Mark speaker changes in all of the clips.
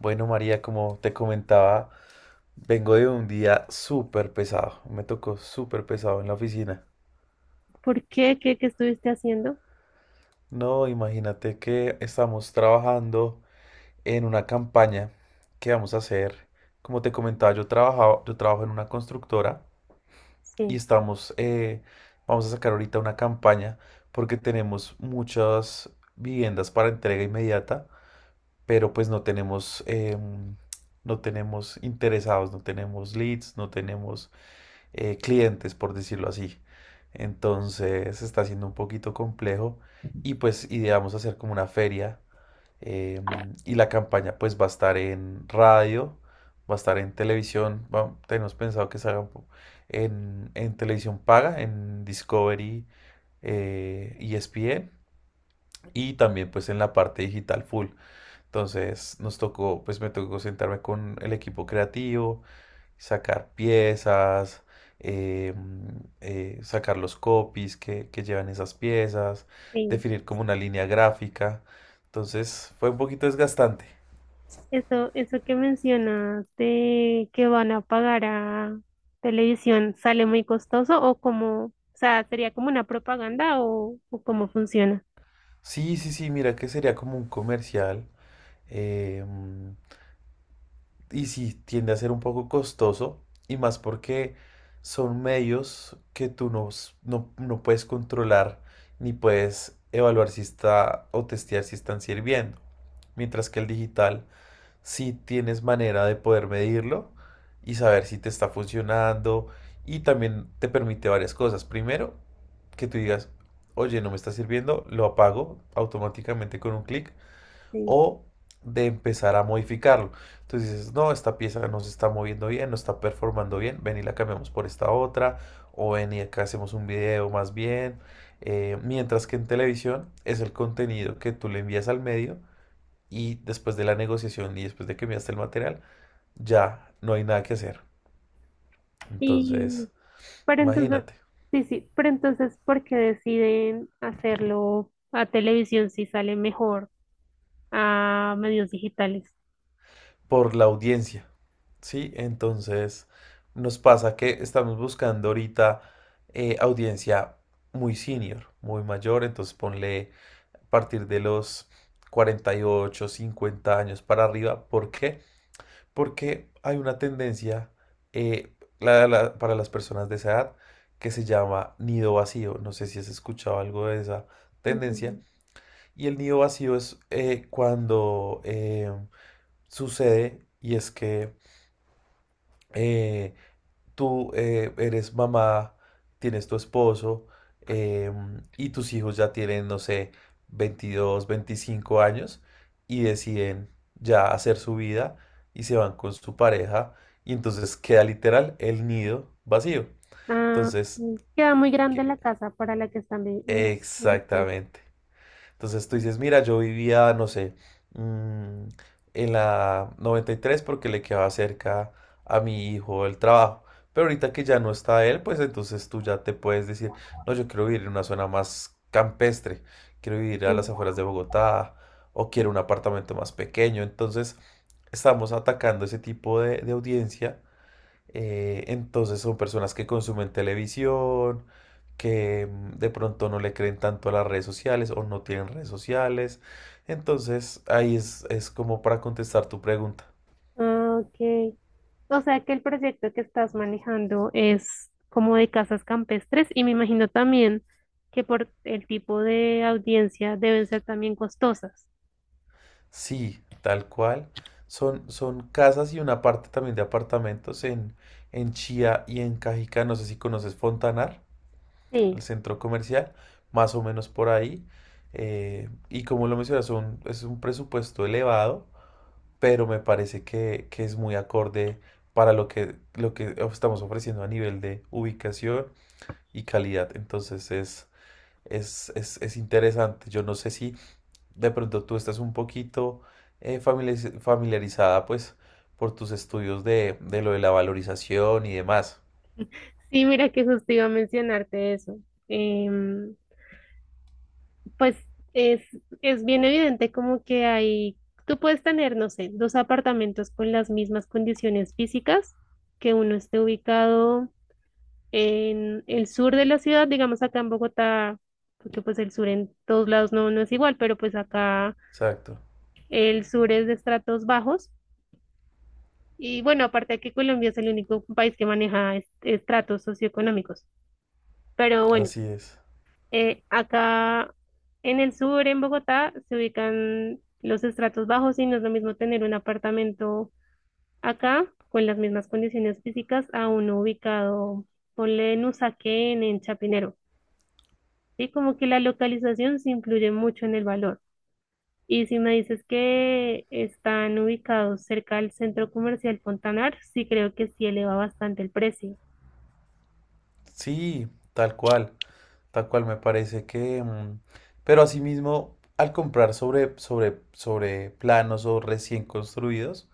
Speaker 1: Bueno, María, como te comentaba, vengo de un día súper pesado. Me tocó súper pesado en la oficina.
Speaker 2: ¿Por qué? ¿Qué estuviste haciendo?
Speaker 1: No, imagínate que estamos trabajando en una campaña que vamos a hacer. Como te comentaba, yo trabajaba, yo trabajo en una constructora y
Speaker 2: Sí.
Speaker 1: estamos, vamos a sacar ahorita una campaña porque tenemos muchas viviendas para entrega inmediata, pero pues no tenemos, no tenemos interesados, no tenemos leads, no tenemos clientes, por decirlo así. Entonces está siendo un poquito complejo y pues ideamos hacer como una feria eh, y la campaña pues va a estar en radio, va a estar en televisión, tenemos pensado que salga en, televisión paga, en Discovery, ESPN y también pues en la parte digital full. Entonces nos tocó, pues me tocó sentarme con el equipo creativo, sacar piezas, eh, sacar los copies que, llevan esas piezas,
Speaker 2: Sí.
Speaker 1: definir como una línea gráfica. Entonces fue un poquito desgastante.
Speaker 2: Eso que mencionas de que van a pagar a televisión, ¿sale muy costoso o como, o sea, sería como una propaganda o cómo funciona?
Speaker 1: Sí, sí, sí, mira que sería como un comercial. eh, y sí, tiende a ser un poco costoso. Y más porque son medios que tú no, no puedes controlar ni puedes evaluar si está o testear si están sirviendo. Mientras que el digital si tienes manera de poder medirlo y saber si te está funcionando. Y también te permite varias cosas. Primero, que tú digas, oye, no me está sirviendo, lo apago automáticamente con un clic
Speaker 2: Sí.
Speaker 1: o de empezar a modificarlo. Entonces dices, no, esta pieza no se está moviendo bien, no está performando bien, ven y la cambiamos por esta otra, o ven y acá hacemos un video más bien. Mientras que en televisión es el contenido que tú le envías al medio y después de la negociación y después de que enviaste el material, ya no hay nada que hacer.
Speaker 2: Y,
Speaker 1: Entonces,
Speaker 2: pero entonces,
Speaker 1: imagínate,
Speaker 2: sí, pero entonces, ¿por qué deciden hacerlo a televisión si sale mejor a medios digitales?
Speaker 1: por la audiencia, ¿sí? Entonces, nos pasa que estamos buscando ahorita audiencia muy senior, muy mayor, entonces ponle a partir de los 48, 50 años para arriba. ¿Por qué? Porque hay una tendencia eh, para las personas de esa edad que se llama nido vacío. No sé si has escuchado algo de esa
Speaker 2: Mm.
Speaker 1: tendencia. Y el nido vacío es cuando sucede y es que eh, tú eres mamá, tienes tu esposo y tus hijos ya tienen, no sé, 22, 25 años y deciden ya hacer su vida y se van con su pareja y entonces queda literal el nido vacío.
Speaker 2: Ah,
Speaker 1: Entonces,
Speaker 2: mm, queda muy grande
Speaker 1: que-
Speaker 2: la casa para la que están viviendo.
Speaker 1: exactamente. Entonces tú dices, mira, yo vivía, no sé, mm, en la 93 porque le quedaba cerca a mi hijo el trabajo. Pero ahorita que ya no está él, pues entonces tú ya te puedes decir, no, yo quiero vivir en una zona más campestre, quiero vivir a las afueras de Bogotá o quiero un apartamento más pequeño. Entonces estamos atacando ese tipo de, audiencia entonces son personas que consumen televisión, que de pronto no le creen tanto a las redes sociales o no tienen redes sociales. Entonces ahí es, como para contestar tu pregunta.
Speaker 2: Ah, ok. O sea que el proyecto que estás manejando es como de casas campestres y me imagino también que por el tipo de audiencia deben ser también costosas.
Speaker 1: Sí, tal cual. Son casas y una parte también de apartamentos en, Chía y en Cajica. No sé si conoces Fontanar,
Speaker 2: Sí.
Speaker 1: el centro comercial, más o menos por ahí. Y como lo mencionas, es un presupuesto elevado pero me parece que, es muy acorde para lo que, estamos ofreciendo a nivel de ubicación y calidad. Entonces es interesante. Yo no sé si de pronto tú estás un poquito familiarizada pues por tus estudios de, lo de la valorización y demás.
Speaker 2: Sí, mira que justo iba a mencionarte eso. Em, pues es, es bien evidente como que hay, tú puedes tener, no sé, dos apartamentos con las mismas condiciones físicas, que uno esté ubicado en el sur de la ciudad, digamos acá en Bogotá, porque pues el sur en todos lados no es igual, pero pues acá
Speaker 1: Exacto,
Speaker 2: el sur es de estratos bajos. Y bueno, aparte que Colombia es el único país que maneja estratos socioeconómicos. Pero bueno,
Speaker 1: así es.
Speaker 2: acá en el sur, en Bogotá, se ubican los estratos bajos y no es lo mismo tener un apartamento acá con las mismas condiciones físicas a uno ubicado, ponle en Usaquén, en Chapinero. Sí, como que la localización sí influye mucho en el valor. Y si me dices que están ubicados cerca del centro comercial Fontanar, sí creo que sí eleva bastante el precio.
Speaker 1: Sí, tal cual me parece que. Pero asimismo, al comprar sobre, planos o recién construidos,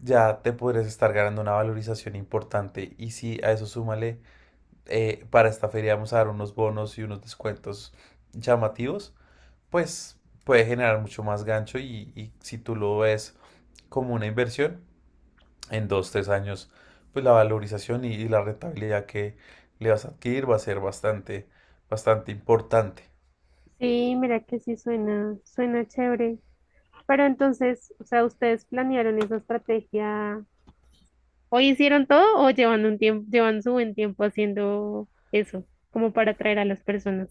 Speaker 1: ya te podrías estar ganando una valorización importante. Y si a eso súmale, para esta feria vamos a dar unos bonos y unos descuentos llamativos, pues puede generar mucho más gancho y, si tú lo ves como una inversión, en 2, 3 años, pues la valorización y, la rentabilidad que le vas a adquirir va a ser bastante, bastante importante.
Speaker 2: Sí, mira que sí suena, suena chévere. Pero entonces, o sea, ¿ustedes planearon esa estrategia? ¿Hoy hicieron todo o llevan un tiempo, llevan su buen tiempo haciendo eso, como para atraer a las personas?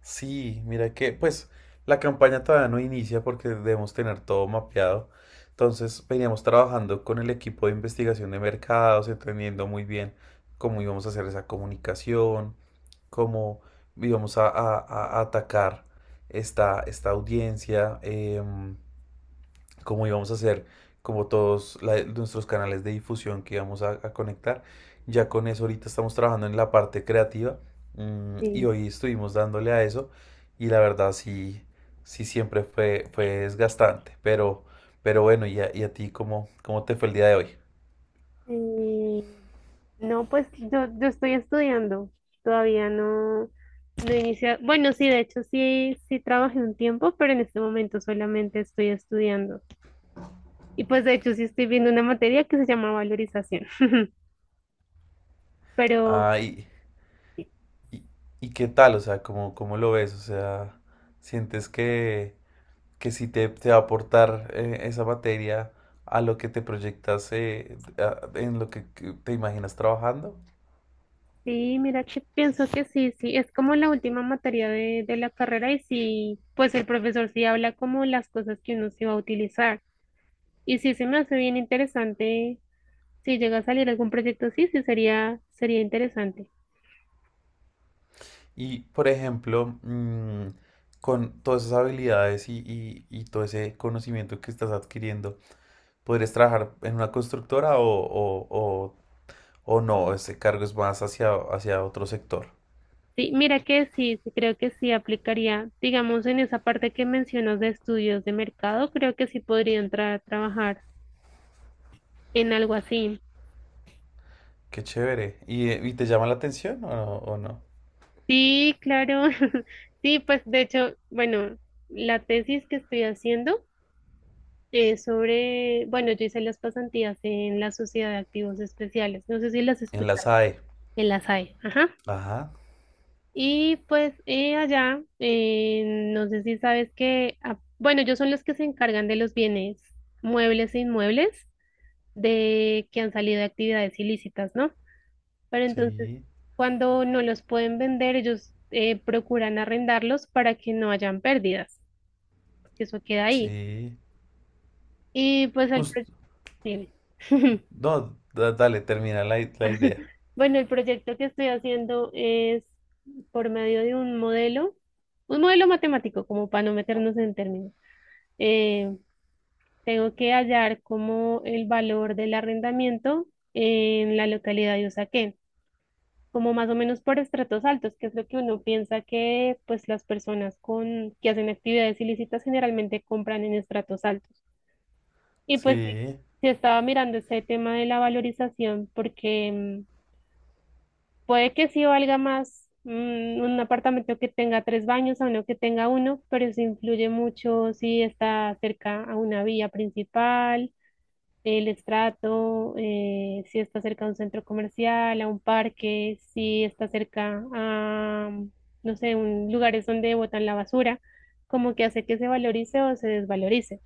Speaker 1: Sí, mira que, pues, la campaña todavía no inicia porque debemos tener todo mapeado. Entonces, veníamos trabajando con el equipo de investigación de mercados, entendiendo muy bien cómo íbamos a hacer esa comunicación, cómo íbamos a atacar esta audiencia. Como íbamos a hacer, como todos nuestros canales de difusión que íbamos a conectar. Ya con eso ahorita estamos trabajando en la parte creativa y
Speaker 2: Sí.
Speaker 1: hoy estuvimos dándole a eso y la verdad sí, sí siempre fue, desgastante, pero, bueno. ¿Y a ti cómo te fue el día de hoy?
Speaker 2: Eh, No, pues yo estoy estudiando, todavía no he iniciado. Bueno, sí, de hecho sí, sí trabajé un tiempo, pero en este momento solamente estoy estudiando. Y pues de hecho sí estoy viendo una materia que se llama valorización. Pero
Speaker 1: Ah, y, y- qué tal, o sea, ¿cómo, lo ves? O sea, ¿sientes que, sí te, va a aportar esa materia a lo que te proyectas, en lo que te imaginas trabajando?
Speaker 2: sí, mira que pienso que sí, sí, es como la última materia de la carrera y sí, pues el profesor sí habla como las cosas que uno se va a utilizar. Y sí se me hace bien interesante, si llega a salir algún proyecto, sí, sí sería, sería interesante.
Speaker 1: Y, por ejemplo, con todas esas habilidades y, todo ese conocimiento que estás adquiriendo, ¿podrías trabajar en una constructora o no? Ese cargo es más hacia, otro sector.
Speaker 2: Sí, mira que sí, sí, creo que sí aplicaría, digamos, en esa parte que mencionas de estudios de mercado, creo que sí podría entrar a trabajar en algo así.
Speaker 1: Qué chévere. Y te llama la atención o no?
Speaker 2: Sí, claro. Sí, pues de hecho, bueno, la tesis que estoy haciendo es sobre, bueno, yo hice las pasantías en la Sociedad de Activos Especiales, no sé si las
Speaker 1: En la
Speaker 2: escuchas,
Speaker 1: SAE.
Speaker 2: en la SAE, ajá.
Speaker 1: Ajá,
Speaker 2: Y pues allá, no sé si sabes que, ah, bueno, ellos son los que se encargan de los bienes muebles e inmuebles de que han salido de actividades ilícitas, ¿no? Pero entonces,
Speaker 1: sí,
Speaker 2: cuando no los pueden vender, ellos procuran arrendarlos para que no hayan pérdidas, que eso queda ahí.
Speaker 1: sí.
Speaker 2: Y pues el
Speaker 1: Justo.
Speaker 2: dime.
Speaker 1: No, dale, termina la idea.
Speaker 2: Bueno, el proyecto que estoy haciendo es por medio de un modelo matemático, como para no meternos en términos. Eh, Tengo que hallar como el valor del arrendamiento en la localidad de Usaquén, como más o menos por estratos altos, que es lo que uno piensa que pues las personas con que hacen actividades ilícitas generalmente compran en estratos altos. Y pues sí,
Speaker 1: Sí.
Speaker 2: sí estaba mirando este tema de la valorización porque puede que sí valga más, mm, un apartamento que tenga tres baños a uno que tenga uno, pero eso influye mucho si está cerca a una vía principal, el estrato, si está cerca de un centro comercial, a un parque, si está cerca a, no sé, un, lugares donde botan la basura, como que hace que se valorice o se desvalorice.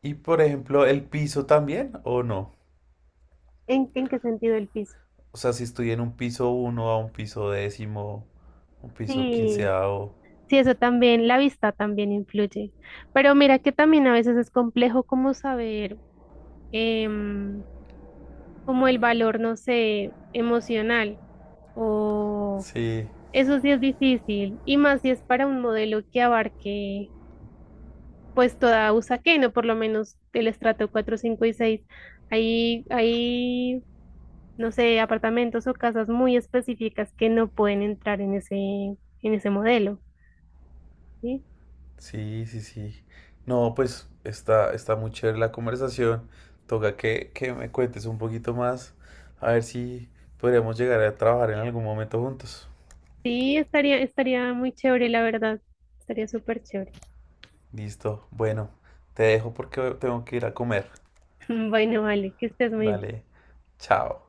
Speaker 1: Y por ejemplo, ¿el piso también o no?
Speaker 2: En qué sentido el piso?
Speaker 1: O sea, si estoy en un piso uno a un piso décimo, un piso
Speaker 2: Sí,
Speaker 1: quinceavo.
Speaker 2: sí, eso también, la vista también influye. Pero mira que también a veces es complejo como saber, em, como el valor, no sé, emocional o…
Speaker 1: Sí,
Speaker 2: Eso sí es difícil, y más si es para un modelo que abarque pues toda Usaquén, o por lo menos el estrato cuatro, 5 y seis. Hay, hay, no sé, apartamentos o casas muy específicas que no pueden entrar en en ese modelo, ¿sí?
Speaker 1: sí, sí, sí. No, pues está, muy chévere la conversación. Toca que, me cuentes un poquito más. A ver si podríamos llegar a trabajar en algún momento juntos.
Speaker 2: Sí, estaría, estaría muy chévere, la verdad. Estaría súper chévere.
Speaker 1: Listo. Bueno, te dejo porque tengo que ir a comer.
Speaker 2: Bueno, vale, que estés muy bien.
Speaker 1: Dale, chao.